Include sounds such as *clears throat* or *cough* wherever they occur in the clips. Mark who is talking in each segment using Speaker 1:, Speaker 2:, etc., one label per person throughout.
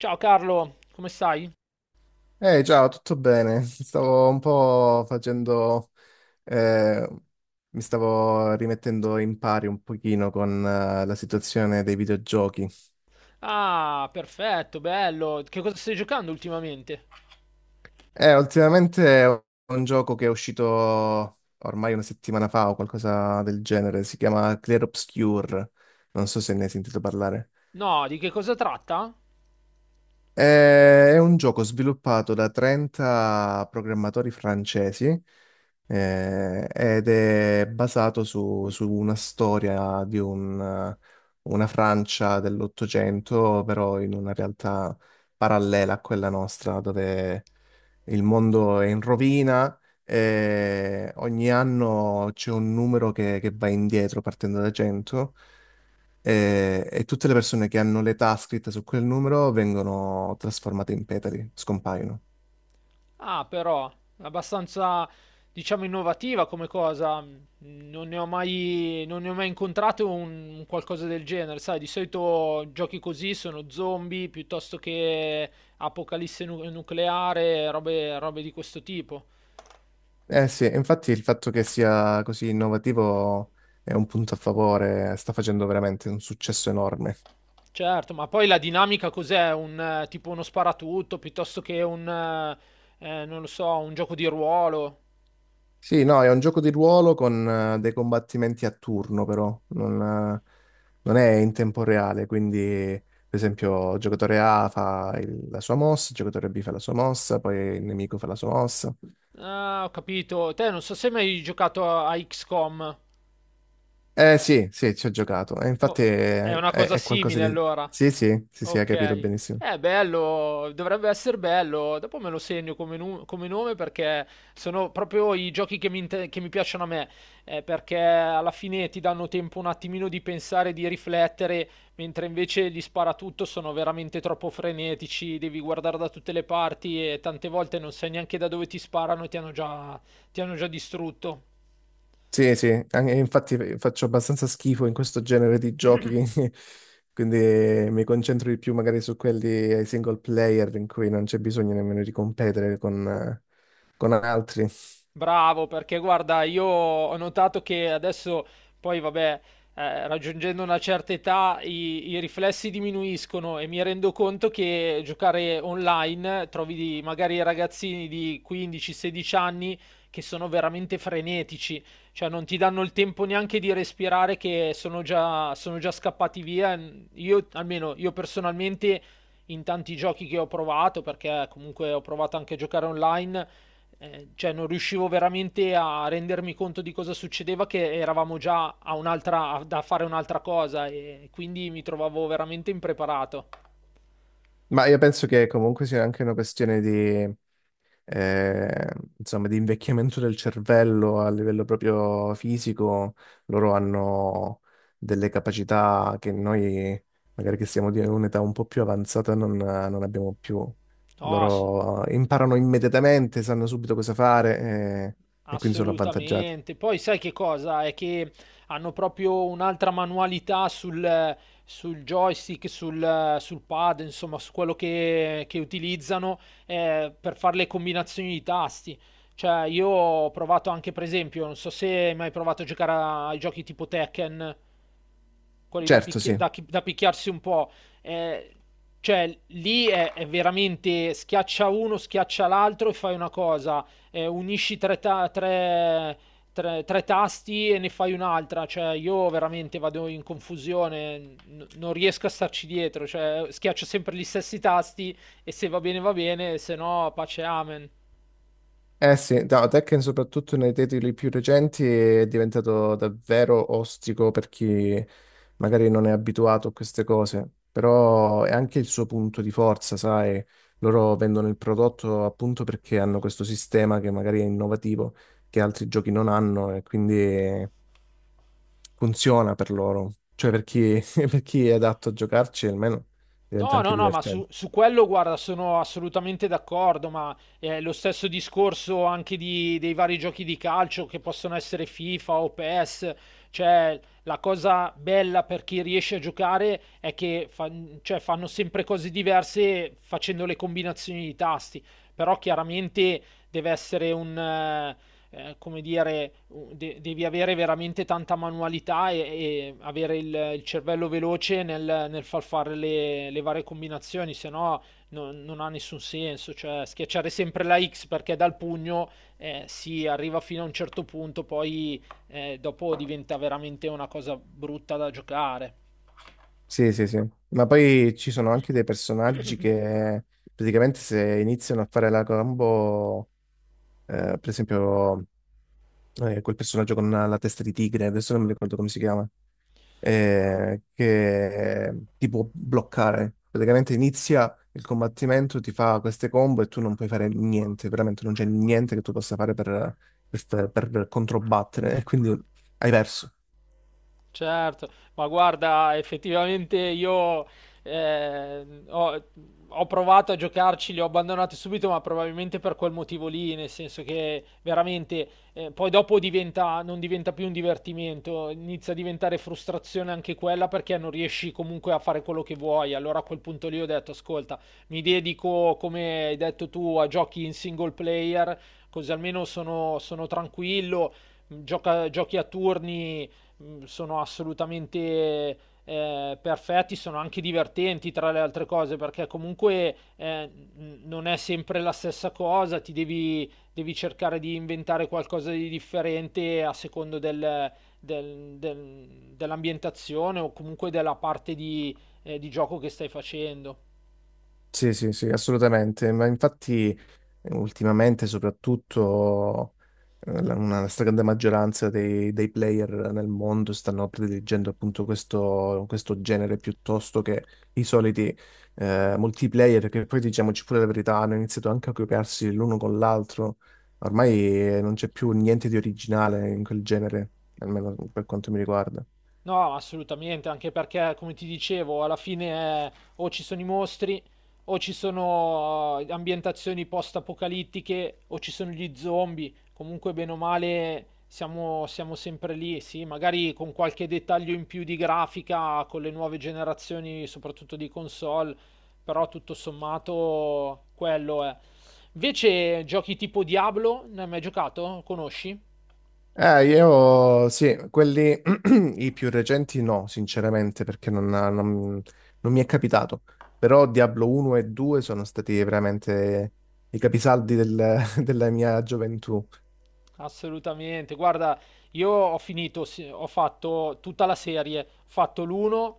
Speaker 1: Ciao Carlo, come stai?
Speaker 2: Ehi, ciao, tutto bene? Stavo un po' facendo, eh, mi stavo rimettendo in pari un pochino con, la situazione dei videogiochi.
Speaker 1: Ah, perfetto, bello. Che cosa stai giocando ultimamente?
Speaker 2: Ultimamente è un gioco che è uscito ormai una settimana fa o qualcosa del genere, si chiama Clear Obscure, non so se ne hai sentito parlare.
Speaker 1: No, di che cosa tratta?
Speaker 2: È un gioco sviluppato da 30 programmatori francesi ed è basato su una storia di una Francia dell'Ottocento, però in una realtà parallela a quella nostra, dove il mondo è in rovina e ogni anno c'è un numero che va indietro partendo da 100 e tutte le persone che hanno l'età scritta su quel numero vengono trasformate in petali, scompaiono.
Speaker 1: Ah, però, abbastanza, diciamo, innovativa come cosa. Mm, non ne ho mai, non ne ho mai incontrato un qualcosa del genere, sai? Di solito giochi così sono zombie piuttosto che apocalisse nucleare, robe di questo tipo.
Speaker 2: Eh sì, infatti il fatto che sia così innovativo è un punto a favore, sta facendo veramente un successo enorme.
Speaker 1: Certo, ma poi la dinamica cos'è? Tipo uno sparatutto piuttosto che un, non lo so, un gioco di ruolo.
Speaker 2: Sì, no, è un gioco di ruolo con dei combattimenti a turno, però non è in tempo reale, quindi per esempio il giocatore A fa la sua mossa, il giocatore B fa la sua mossa, poi il nemico fa la sua mossa.
Speaker 1: Ah, ho capito. Te non so se hai mai giocato a XCOM.
Speaker 2: Eh sì, sì, ci ho giocato. E infatti
Speaker 1: Oh, è una cosa
Speaker 2: è qualcosa
Speaker 1: simile
Speaker 2: di.
Speaker 1: allora.
Speaker 2: Sì, sì, sì, sì, hai capito
Speaker 1: Okay.
Speaker 2: benissimo.
Speaker 1: Bello, dovrebbe esser bello. Dopo me lo segno come nu come nome, perché sono proprio i giochi che mi inte che mi piacciono a me, perché alla fine ti danno tempo un attimino di pensare, di riflettere, mentre invece gli sparatutto sono veramente troppo frenetici, devi guardare da tutte le parti e tante volte non sai neanche da dove ti sparano e ti hanno già distrutto.
Speaker 2: Sì, sì, infatti faccio abbastanza schifo in questo genere di giochi,
Speaker 1: *clears throat*
Speaker 2: *laughs* quindi mi concentro di più magari su quelli ai single player in cui non c'è bisogno nemmeno di competere con altri.
Speaker 1: Bravo, perché guarda, io ho notato che adesso poi, vabbè, raggiungendo una certa età i riflessi diminuiscono e mi rendo conto che giocare online trovi magari ragazzini di 15-16 anni che sono veramente frenetici, cioè non ti danno il tempo neanche di respirare che sono già scappati via. Io, almeno io personalmente, in tanti giochi che ho provato, perché comunque ho provato anche a giocare online, cioè non riuscivo veramente a rendermi conto di cosa succedeva, che eravamo già a da fare un'altra cosa e quindi mi trovavo veramente impreparato.
Speaker 2: Ma io penso che comunque sia anche una questione di... eh, insomma, di invecchiamento del cervello a livello proprio fisico, loro hanno delle capacità che noi, magari che siamo di un'età un po' più avanzata, non abbiamo più.
Speaker 1: No, s-
Speaker 2: Loro imparano immediatamente, sanno subito cosa fare, e quindi sono avvantaggiati.
Speaker 1: Assolutamente. Poi sai che cosa? È che hanno proprio un'altra manualità sul, sul joystick, sul pad, insomma, su quello che utilizzano, per fare le combinazioni di tasti. Cioè, io ho provato anche, per esempio, non so se hai mai provato a giocare ai giochi tipo Tekken, quelli da,
Speaker 2: Certo,
Speaker 1: picchi-
Speaker 2: sì.
Speaker 1: da chi- da picchiarsi un po'. Eh, cioè, lì è veramente schiaccia uno, schiaccia l'altro e fai una cosa, unisci tre, tre tasti e ne fai un'altra. Cioè, io veramente vado in confusione, non riesco a starci dietro. Cioè, schiaccio sempre gli stessi tasti e se va bene va bene, se no pace amen.
Speaker 2: Eh sì, no, Tekken soprattutto nei titoli più recenti è diventato davvero ostico per chi magari non è abituato a queste cose, però è anche il suo punto di forza, sai, loro vendono il prodotto appunto perché hanno questo sistema che magari è innovativo, che altri giochi non hanno e quindi funziona per loro, cioè per chi, *laughs* per chi è adatto a giocarci almeno diventa
Speaker 1: No,
Speaker 2: anche
Speaker 1: no, no, ma su,
Speaker 2: divertente.
Speaker 1: su quello, guarda, sono assolutamente d'accordo, ma lo stesso discorso anche dei vari giochi di calcio che possono essere FIFA o PES, cioè la cosa bella per chi riesce a giocare è che cioè, fanno sempre cose diverse facendo le combinazioni di tasti, però chiaramente deve essere un, come dire, devi avere veramente tanta manualità e avere il cervello veloce nel far fare le varie combinazioni, se no non ha nessun senso. Cioè, schiacciare sempre la X, perché dal pugno si arriva fino a un certo punto, poi dopo diventa veramente una cosa brutta da giocare.
Speaker 2: Sì, sì, sì. Ma poi ci sono anche dei personaggi
Speaker 1: *coughs*
Speaker 2: che praticamente se iniziano a fare la combo, per esempio quel personaggio con la testa di tigre, adesso non mi ricordo come si chiama, che ti può bloccare. Praticamente inizia il combattimento, ti fa queste combo e tu non puoi fare niente, veramente non c'è niente che tu possa fare per controbattere, *laughs* e quindi hai perso.
Speaker 1: Certo, ma guarda, effettivamente io eh, ho, ho provato a giocarci, li ho abbandonati subito, ma probabilmente per quel motivo lì, nel senso che veramente poi dopo non diventa più un divertimento, inizia a diventare frustrazione anche quella, perché non riesci comunque a fare quello che vuoi. Allora a quel punto lì ho detto, ascolta, mi dedico, come hai detto tu, a giochi in single player, così almeno sono tranquillo, giochi a turni sono assolutamente perfetti, sono anche divertenti tra le altre cose, perché comunque non è sempre la stessa cosa, ti devi cercare di inventare qualcosa di differente a secondo del- del- dell'ambientazione o comunque della parte di gioco che stai facendo.
Speaker 2: Sì, sì, sì, assolutamente. Ma infatti. Ultimamente, soprattutto, una stragrande maggioranza dei player nel mondo stanno prediligendo appunto questo genere piuttosto che i soliti multiplayer, che poi diciamoci pure la verità, hanno iniziato anche a copiarsi l'uno con l'altro. Ormai non c'è più niente di originale in quel genere, almeno per quanto mi riguarda.
Speaker 1: No, assolutamente, anche perché, come ti dicevo, alla fine o ci sono i mostri, o ci sono ambientazioni post-apocalittiche, o ci sono gli zombie. Comunque, bene o male, siamo sempre lì, sì, magari con qualche dettaglio in più di grafica, con le nuove generazioni, soprattutto di console, però tutto sommato quello è. Invece, giochi tipo Diablo, ne hai mai giocato? Conosci?
Speaker 2: Io sì, quelli *clears throat* i più recenti no, sinceramente, perché non mi è capitato. Però Diablo 1 e 2 sono stati veramente i capisaldi *laughs* della mia gioventù.
Speaker 1: Assolutamente, guarda, io ho finito, sì, ho fatto tutta la serie, ho fatto l'uno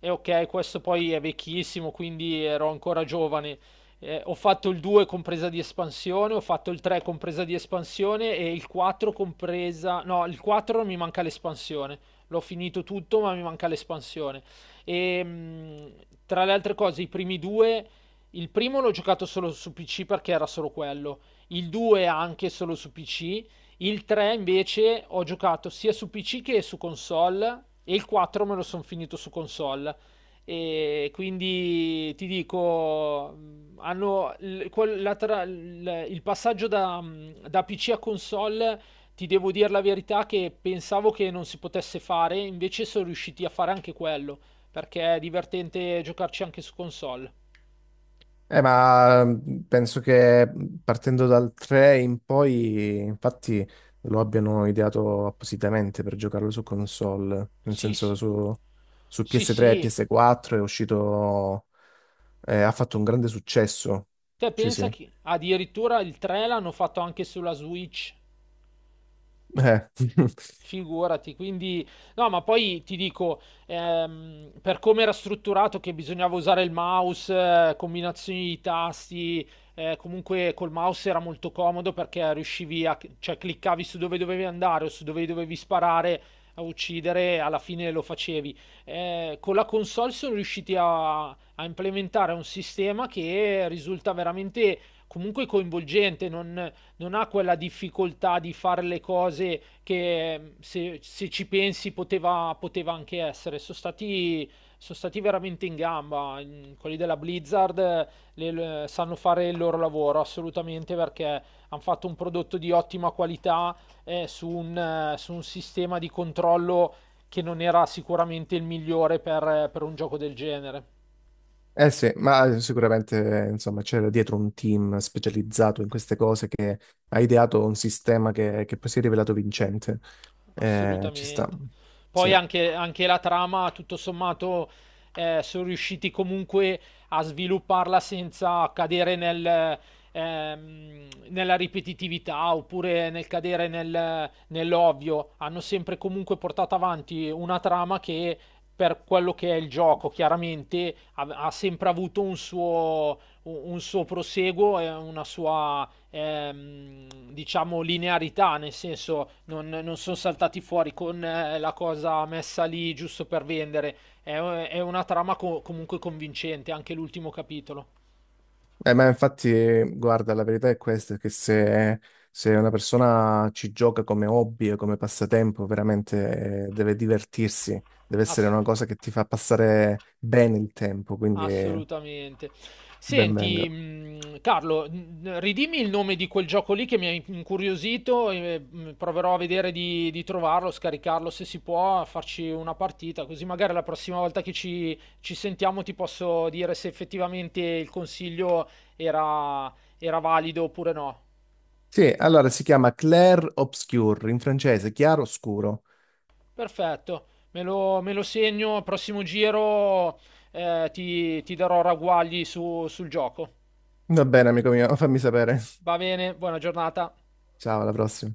Speaker 1: e ok, questo poi è vecchissimo, quindi ero ancora giovane. Ho fatto il 2 compresa di espansione, ho fatto il 3 compresa di espansione e il 4 compresa... No, il 4 mi manca l'espansione. L'ho finito tutto, ma mi manca l'espansione. E tra le altre cose, i primi due... Il primo l'ho giocato solo su PC, perché era solo quello. Il 2 anche solo su PC, il 3 invece ho giocato sia su PC che su console e il 4 me lo sono finito su console. E quindi ti dico, hanno l- quel- la tra- l- il passaggio da, da PC a console, ti devo dire la verità che pensavo che non si potesse fare, invece sono riusciti a fare anche quello, perché è divertente giocarci anche su console.
Speaker 2: Ma penso che partendo dal 3 in poi, infatti, lo abbiano ideato appositamente per giocarlo su console, nel
Speaker 1: Sì,
Speaker 2: senso
Speaker 1: sì.
Speaker 2: su
Speaker 1: Sì,
Speaker 2: PS3 e
Speaker 1: sì.
Speaker 2: PS4 è uscito, ha fatto un grande successo.
Speaker 1: Te
Speaker 2: Sì,
Speaker 1: pensa
Speaker 2: sì.
Speaker 1: che addirittura il 3 l'hanno fatto anche sulla Switch.
Speaker 2: Eh, *laughs*
Speaker 1: Figurati, quindi no, ma poi ti dico, per come era strutturato, che bisognava usare il mouse, combinazioni di tasti, comunque col mouse era molto comodo, perché riuscivi a, cioè cliccavi su dove dovevi andare o su dove dovevi sparare a uccidere, e alla fine lo facevi. Con la console sono riusciti a implementare un sistema che risulta veramente comunque coinvolgente, non ha quella difficoltà di fare le cose che se, se ci pensi poteva anche essere. Sono stati veramente in gamba. Mm, quelli della Blizzard sanno fare il loro lavoro assolutamente, perché hanno fatto un prodotto di ottima qualità su un sistema di controllo che non era sicuramente il migliore per un gioco del genere.
Speaker 2: eh sì, ma sicuramente insomma c'era dietro un team specializzato in queste cose che ha ideato un sistema che poi si è rivelato vincente. Ci sta,
Speaker 1: Assolutamente.
Speaker 2: sì.
Speaker 1: Poi anche, anche la trama, tutto sommato, sono riusciti comunque a svilupparla senza cadere nel, nella ripetitività oppure nel cadere nell'ovvio. Hanno sempre comunque portato avanti una trama che, per quello che è il gioco, chiaramente ha sempre avuto un suo, un suo proseguo e una sua diciamo linearità, nel senso non sono saltati fuori con la cosa messa lì giusto per vendere. È, è una trama comunque convincente, anche l'ultimo capitolo.
Speaker 2: Ma infatti, guarda, la verità è questa, che se una persona ci gioca come hobby e come passatempo, veramente deve divertirsi, deve essere
Speaker 1: Ass-
Speaker 2: una cosa che ti fa passare bene il tempo, quindi
Speaker 1: Assolutamente.
Speaker 2: ben
Speaker 1: Senti,
Speaker 2: venga.
Speaker 1: Carlo, ridimmi il nome di quel gioco lì, che mi ha incuriosito, e proverò a vedere di trovarlo, scaricarlo se si può, a farci una partita, così magari la prossima volta che ci sentiamo ti posso dire se effettivamente il consiglio era, era valido oppure no.
Speaker 2: Sì, allora si chiama Clair Obscur, in francese, chiaro scuro.
Speaker 1: Perfetto, me lo segno, al prossimo giro ti darò ragguagli sul gioco.
Speaker 2: Va bene, amico mio, fammi sapere.
Speaker 1: Va
Speaker 2: *laughs*
Speaker 1: bene, buona giornata.
Speaker 2: Ciao, alla prossima.